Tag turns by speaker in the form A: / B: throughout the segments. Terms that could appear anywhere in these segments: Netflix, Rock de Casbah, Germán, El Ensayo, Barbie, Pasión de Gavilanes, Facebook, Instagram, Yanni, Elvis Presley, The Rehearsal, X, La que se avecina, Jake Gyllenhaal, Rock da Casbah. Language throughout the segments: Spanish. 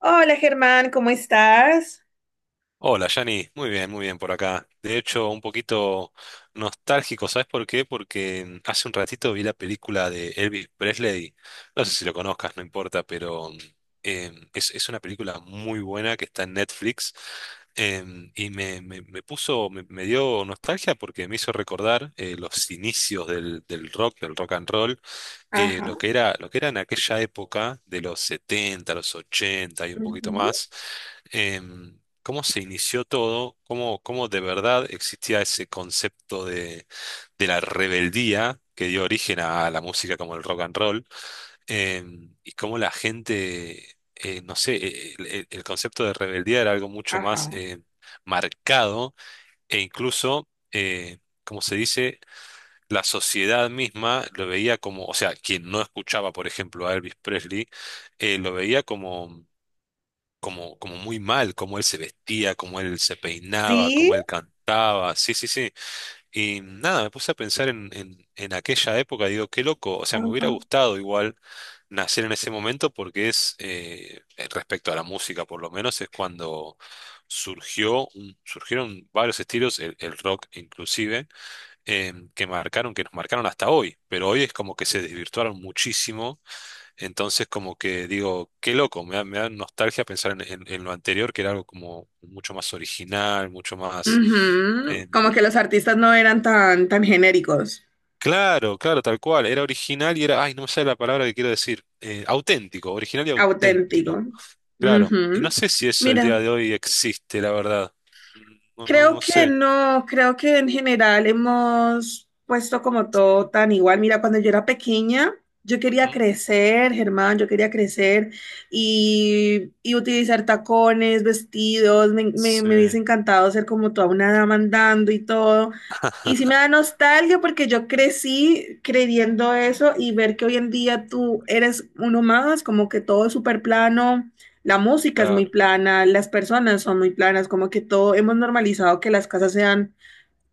A: Hola Germán, ¿cómo estás?
B: Hola, Yanni. Muy bien por acá. De hecho, un poquito nostálgico, ¿sabes por qué? Porque hace un ratito vi la película de Elvis Presley. No sé si lo conozcas, no importa, pero es una película muy buena que está en Netflix. Y me dio nostalgia porque me hizo recordar los inicios del rock and roll,
A: Ajá,
B: lo que era en aquella época de los 70 los 80 y un poquito
A: ujú,
B: más, cómo se inició todo, cómo de verdad existía ese concepto de la rebeldía que dio origen a la música como el rock and roll, y cómo la gente, no sé, el concepto de rebeldía era algo mucho más
A: ajá.
B: marcado e incluso, como se dice, la sociedad misma lo veía como, o sea, quien no escuchaba, por ejemplo, a Elvis Presley, lo veía como, como muy mal, como él se vestía, como él se peinaba,
A: Sí,
B: como él cantaba, sí, sí, sí. Y nada, me puse a pensar en aquella época, digo, qué loco, o sea, me hubiera
A: ajá.
B: gustado igual nacer en ese momento porque respecto a la música por lo menos, es cuando surgieron varios estilos, el rock inclusive que nos marcaron hasta hoy, pero hoy es como que se desvirtuaron muchísimo, entonces como que digo, qué loco, me da nostalgia pensar en lo anterior, que era algo como mucho más original, mucho más.
A: Ujú,
B: eh,
A: como que los artistas no eran tan, tan genéricos,
B: claro, claro, tal cual, era original y era, ay, no me sale la palabra que quiero decir, auténtico, original y auténtico,
A: auténtico.
B: claro, y
A: Ujú.
B: no sé si eso el día
A: Mira.
B: de hoy existe, la verdad, no, no,
A: Creo
B: no
A: que
B: sé.
A: no, creo que en general hemos puesto como todo tan igual. Mira, cuando yo era pequeña, yo quería
B: Ujú.
A: crecer, Germán, yo quería crecer y utilizar tacones, vestidos, me, me,
B: Sí,
A: me hubiese encantado ser como toda una dama andando y todo. Y sí me da nostalgia porque yo crecí creyendo eso y ver que hoy en día tú eres uno más, como que todo es súper plano. La música es muy
B: claro,
A: plana, las personas son muy planas, como que todo hemos normalizado que las casas sean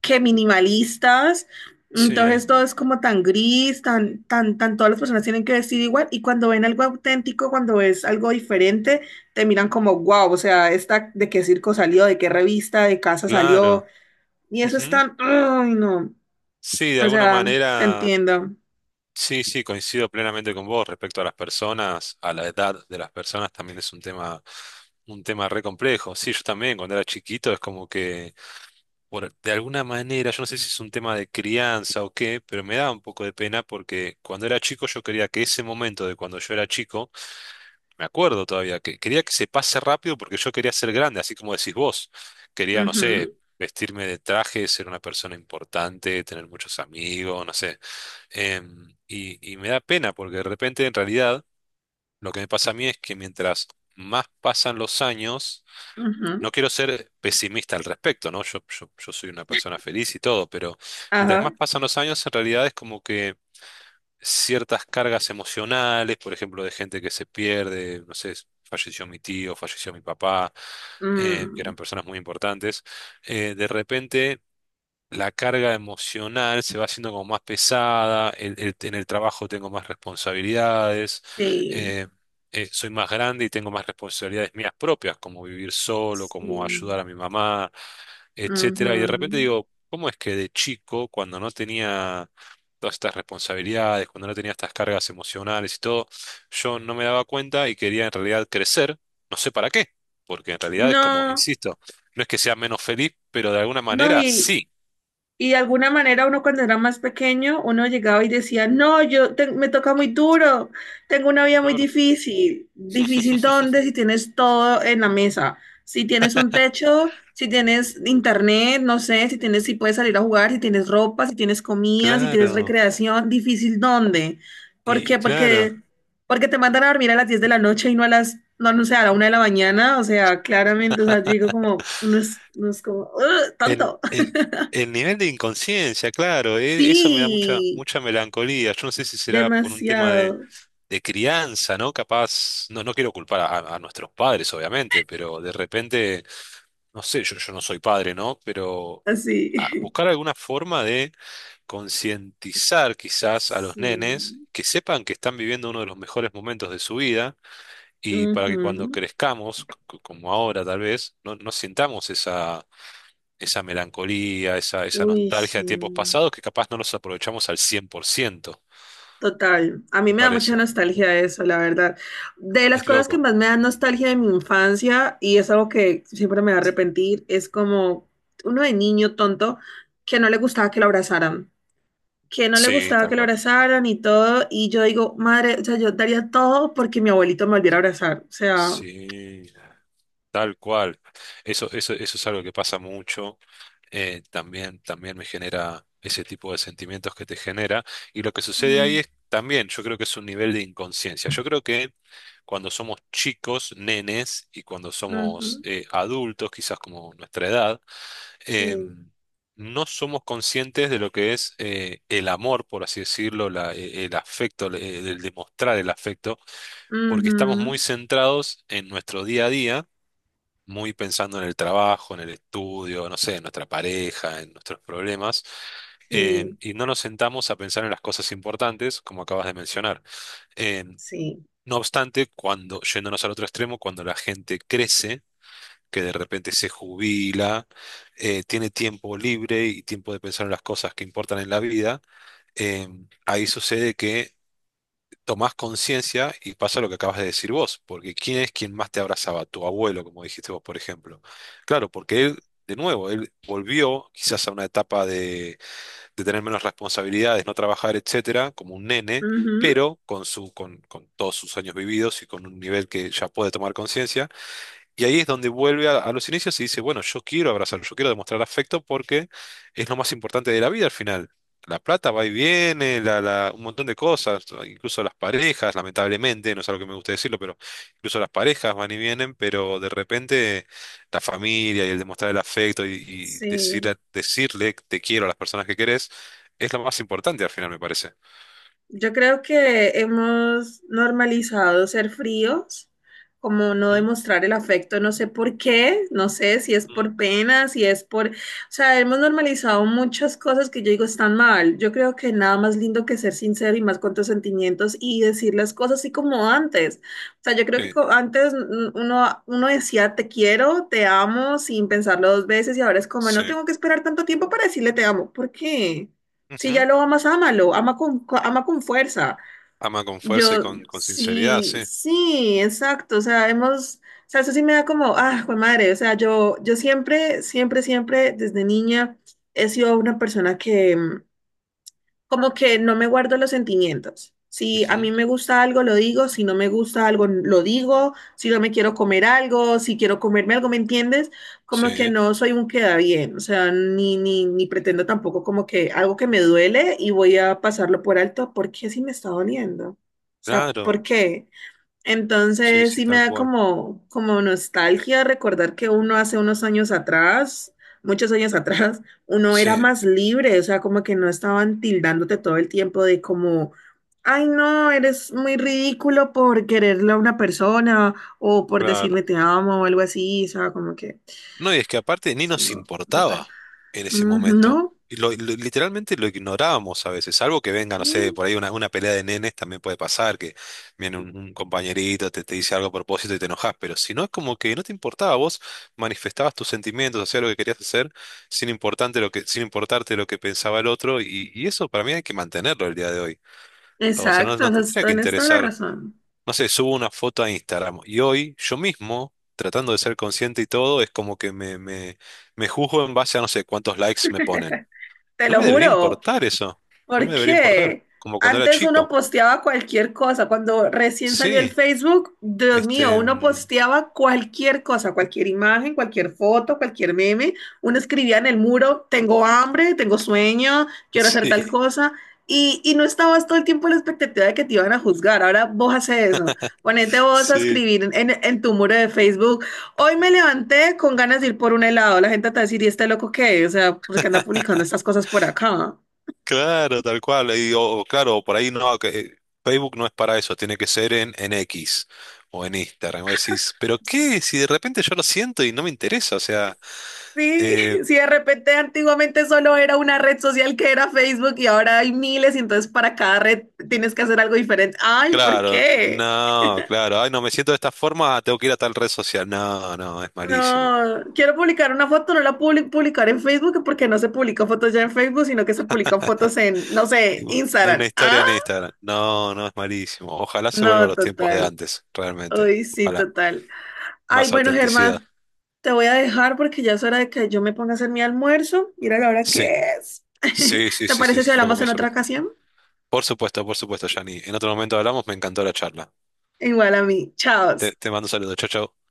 A: que minimalistas,
B: sí,
A: entonces todo es como tan gris, tan, tan, tan, todas las personas tienen que vestir igual y cuando ven algo auténtico, cuando ves algo diferente, te miran como, wow, o sea, esta de qué circo salió, de qué revista, de casa salió
B: claro.
A: y eso es
B: Ujú.
A: tan, ay no,
B: Sí, de
A: o
B: alguna
A: sea, te
B: manera,
A: entiendo.
B: sí, sí, coincido plenamente con vos respecto a las personas, a la edad de las personas también es un tema re complejo. Sí, yo también cuando era chiquito es como que, de alguna manera, yo no sé si es un tema de crianza o qué, pero me da un poco de pena porque cuando era chico yo quería que ese momento de cuando yo era chico, me acuerdo todavía, que quería que se pase rápido porque yo quería ser grande, así como decís vos. Quería, no sé,
A: Ujú,
B: vestirme de traje, ser una persona importante, tener muchos amigos, no sé. Y me da pena porque de repente en realidad lo que me pasa a mí es que mientras más pasan los años,
A: ujú,
B: no quiero ser pesimista al respecto, ¿no? Yo soy una persona feliz y todo, pero mientras más
A: ajá,
B: pasan los años, en realidad es como que ciertas cargas emocionales, por ejemplo, de gente que se pierde, no sé, falleció mi tío, falleció mi papá, que eran
A: mm,
B: personas muy importantes, de repente la carga emocional se va haciendo como más pesada, en el trabajo tengo más responsabilidades,
A: sí,
B: eh, soy más grande y tengo más responsabilidades mías propias, como vivir solo, como ayudar a
A: sí,
B: mi mamá, etcétera.
A: ujú.
B: Y de repente digo, ¿cómo es que de chico, cuando no tenía todas estas responsabilidades, cuando no tenía estas cargas emocionales y todo, yo no me daba cuenta y quería en realidad crecer, no sé para qué, porque en realidad es como,
A: No,
B: insisto, no es que sea menos feliz, pero de alguna
A: no,
B: manera
A: y,
B: sí.
A: y de alguna manera uno cuando era más pequeño, uno llegaba y decía, no, me toca muy duro, tengo una vida muy
B: Claro.
A: difícil. ¿Difícil dónde? Si tienes todo en la mesa, si tienes un techo, si tienes internet, no sé, si tienes, si puedes salir a jugar, si tienes ropa, si tienes comida, si tienes
B: Claro.
A: recreación, ¿difícil dónde? ¿Por
B: Y
A: qué?
B: claro,
A: Porque, porque te mandan a dormir a las 10 de la noche y no a las, no, no sé, a la 1 de la mañana, o sea, claramente, o sea, digo como, uno es como, "Ugh,
B: el,
A: tonto".
B: el, el nivel de inconsciencia, claro, eso me da mucha,
A: Sí,
B: mucha melancolía. Yo no sé si será por un tema de,
A: demasiado.
B: de crianza, ¿no? Capaz, no, no quiero culpar a nuestros padres, obviamente, pero de repente, no sé, yo no soy padre, ¿no? Pero
A: Así.
B: buscar alguna forma de concientizar quizás a los
A: Sí.
B: nenes que sepan que están viviendo uno de los mejores momentos de su vida y para que cuando
A: Ujú.
B: crezcamos, como ahora tal vez, no, no sintamos esa, esa melancolía, esa
A: Uy,
B: nostalgia
A: sí.
B: de tiempos pasados que capaz no los aprovechamos al 100%
A: Total. A mí
B: me
A: me da mucha
B: parece.
A: nostalgia eso, la verdad. De las
B: Es
A: cosas que
B: loco.
A: más me dan nostalgia de mi infancia, y es algo que siempre me va a arrepentir, es como uno de niño tonto que no le gustaba que lo abrazaran. Que no le
B: Sí,
A: gustaba
B: tal
A: que lo
B: cual.
A: abrazaran y todo. Y yo digo, madre, o sea, yo daría todo porque mi abuelito me volviera a abrazar. O sea.
B: Sí, tal cual. Eso es algo que pasa mucho. También me genera ese tipo de sentimientos que te genera. Y lo que sucede ahí
A: Mm.
B: es también, yo creo que es un nivel de inconsciencia. Yo creo que cuando somos chicos, nenes, y cuando somos
A: Ujú.
B: adultos, quizás como nuestra edad, eh,
A: Sí.
B: no somos conscientes de lo que es el amor, por así decirlo, el afecto, el demostrar el afecto, porque estamos muy
A: Ujú,
B: centrados en nuestro día a día muy pensando en el trabajo, en el estudio, no sé, en nuestra pareja, en nuestros problemas,
A: sí,
B: y no nos sentamos a pensar en las cosas importantes, como acabas de mencionar. Eh,
A: sí,
B: no obstante, cuando, yéndonos al otro extremo, cuando la gente crece, que de repente se jubila, tiene tiempo libre y tiempo de pensar en las cosas que importan en la vida, eh, ahí sucede que tomás conciencia y pasa lo que acabas de decir vos, porque ¿quién es quien más te abrazaba? Tu abuelo, como dijiste vos, por ejemplo. Claro, porque él, de nuevo, él volvió quizás a una etapa de tener menos responsabilidades, no trabajar, etcétera, como un nene,
A: ujú,
B: pero con todos sus años vividos y con un nivel que ya puede tomar conciencia, y ahí es donde vuelve a los inicios y dice, bueno, yo quiero abrazarlo, yo quiero demostrar afecto porque es lo más importante de la vida al final. La plata va y viene, un montón de cosas, incluso las parejas, lamentablemente, no es algo que me guste decirlo, pero incluso las parejas van y vienen, pero de repente la familia y el demostrar el afecto y decir,
A: sí.
B: decirle te quiero a las personas que querés es lo más importante al final, me parece.
A: Yo creo que hemos normalizado ser fríos, como no
B: ¿Mm?
A: demostrar el afecto, no sé por qué, no sé si es
B: Mm.
A: por pena, si es por, o sea, hemos normalizado muchas cosas que yo digo están mal. Yo creo que nada más lindo que ser sincero y más con tus sentimientos y decir las cosas así como antes. O sea, yo creo que
B: Sí,
A: antes uno decía te quiero, te amo sin pensarlo dos veces y ahora es como
B: sí.
A: no tengo que esperar tanto tiempo para decirle te amo. ¿Por qué? Si ya
B: Ujú.
A: lo amas, ámalo, ama con fuerza.
B: Ama con fuerza y
A: Yo,
B: con sinceridad,
A: sí,
B: sí.
A: sí, exacto. O sea, hemos, o sea, eso sí me da como, ah, jue madre. O sea, yo siempre, siempre, siempre, desde niña, he sido una persona que, como que no me guardo los sentimientos. Si a mí
B: Ujú.
A: me gusta algo, lo digo. Si no me gusta algo, lo digo. Si no me quiero comer algo, si quiero comerme algo, ¿me entiendes? Como que
B: Sí.
A: no soy un queda bien. O sea, ni pretendo tampoco como que algo que me duele y voy a pasarlo por alto. ¿Por qué si me está doliendo? O sea,
B: Claro,
A: ¿por qué?
B: sí,
A: Entonces
B: sí,
A: sí me
B: tal
A: da
B: cual.
A: como, como nostalgia recordar que uno hace unos años atrás, muchos años atrás, uno era
B: Sí,
A: más libre, o sea, como que no estaban tildándote todo el tiempo de como, ay no, eres muy ridículo por quererle a una persona o por
B: claro.
A: decirle te amo o algo así, o sea, como que
B: No, y es que aparte ni
A: es
B: nos
A: algo total.
B: importaba en ese
A: Mm,
B: momento.
A: no,
B: Y literalmente lo ignorábamos a veces, salvo que venga, no sé,
A: sí,
B: por ahí una pelea de nenes también puede pasar, que viene un compañerito, te dice algo a propósito y te enojas, pero si no es como que no te importaba, vos manifestabas tus sentimientos, hacías lo que querías hacer, sin importarte lo que pensaba el otro, y eso para mí hay que mantenerlo el día de hoy. O sea, no,
A: exacto,
B: no
A: o sea,
B: te tendría que
A: tienes toda la
B: interesar
A: razón,
B: no sé, subo una foto a Instagram y hoy yo mismo, tratando de ser consciente y todo, es como que me juzgo en base a no sé cuántos likes me ponen.
A: te
B: No
A: lo
B: me debería
A: juro.
B: importar eso, no me
A: ¿Por
B: debería importar,
A: qué?
B: como cuando era
A: Antes uno
B: chico.
A: posteaba cualquier cosa. Cuando recién salió el
B: Sí,
A: Facebook, Dios mío,
B: este,
A: uno
B: mm,
A: posteaba cualquier cosa, cualquier imagen, cualquier foto, cualquier meme. Uno escribía en el muro, tengo hambre, tengo sueño, quiero hacer tal
B: sí,
A: cosa. Y no estabas todo el tiempo en la expectativa de que te iban a juzgar. Ahora vos haces eso. Ponete vos a
B: sí,
A: escribir en tu muro de Facebook. Hoy me levanté con ganas de ir por un helado. La gente te va a decir, ¿y este loco qué? O sea, ¿por qué anda publicando estas cosas por acá?
B: claro, tal cual. Y, o, claro, por ahí no, que Facebook no es para eso, tiene que ser en X o en Instagram. O decís, ¿pero qué? Si de repente yo lo siento y no me interesa, o sea.
A: Sí,
B: eh,
A: sí, de repente antiguamente solo era una red social que era Facebook y ahora hay miles y entonces para cada red tienes que hacer algo diferente. Ay, ¿por
B: Claro,
A: qué?
B: no, claro. Ay, no, me siento de esta forma, tengo que ir a tal red social. No, no, es malísimo.
A: No, quiero publicar una foto, no la publicar en Facebook porque no se publican fotos ya en Facebook, sino que se publican fotos en, no
B: Y
A: sé,
B: una
A: Instagram.
B: historia
A: Ah,
B: en Instagram. No, no, es malísimo. Ojalá se vuelva a
A: no,
B: los tiempos de
A: total.
B: antes, realmente.
A: Ay, sí,
B: Ojalá.
A: total. Ay,
B: Más
A: bueno,
B: autenticidad.
A: Germán, te voy a dejar porque ya es hora de que yo me ponga a hacer mi almuerzo. Mira la hora
B: Sí,
A: que es.
B: sí, sí,
A: ¿Te
B: sí, sí,
A: parece si
B: sí, yo
A: hablamos
B: comía
A: en
B: sobre
A: otra
B: todo.
A: ocasión?
B: Por supuesto, Yanni. En otro momento hablamos, me encantó la charla.
A: Igual a mí. Chao.
B: Te mando saludos. Chau, chau.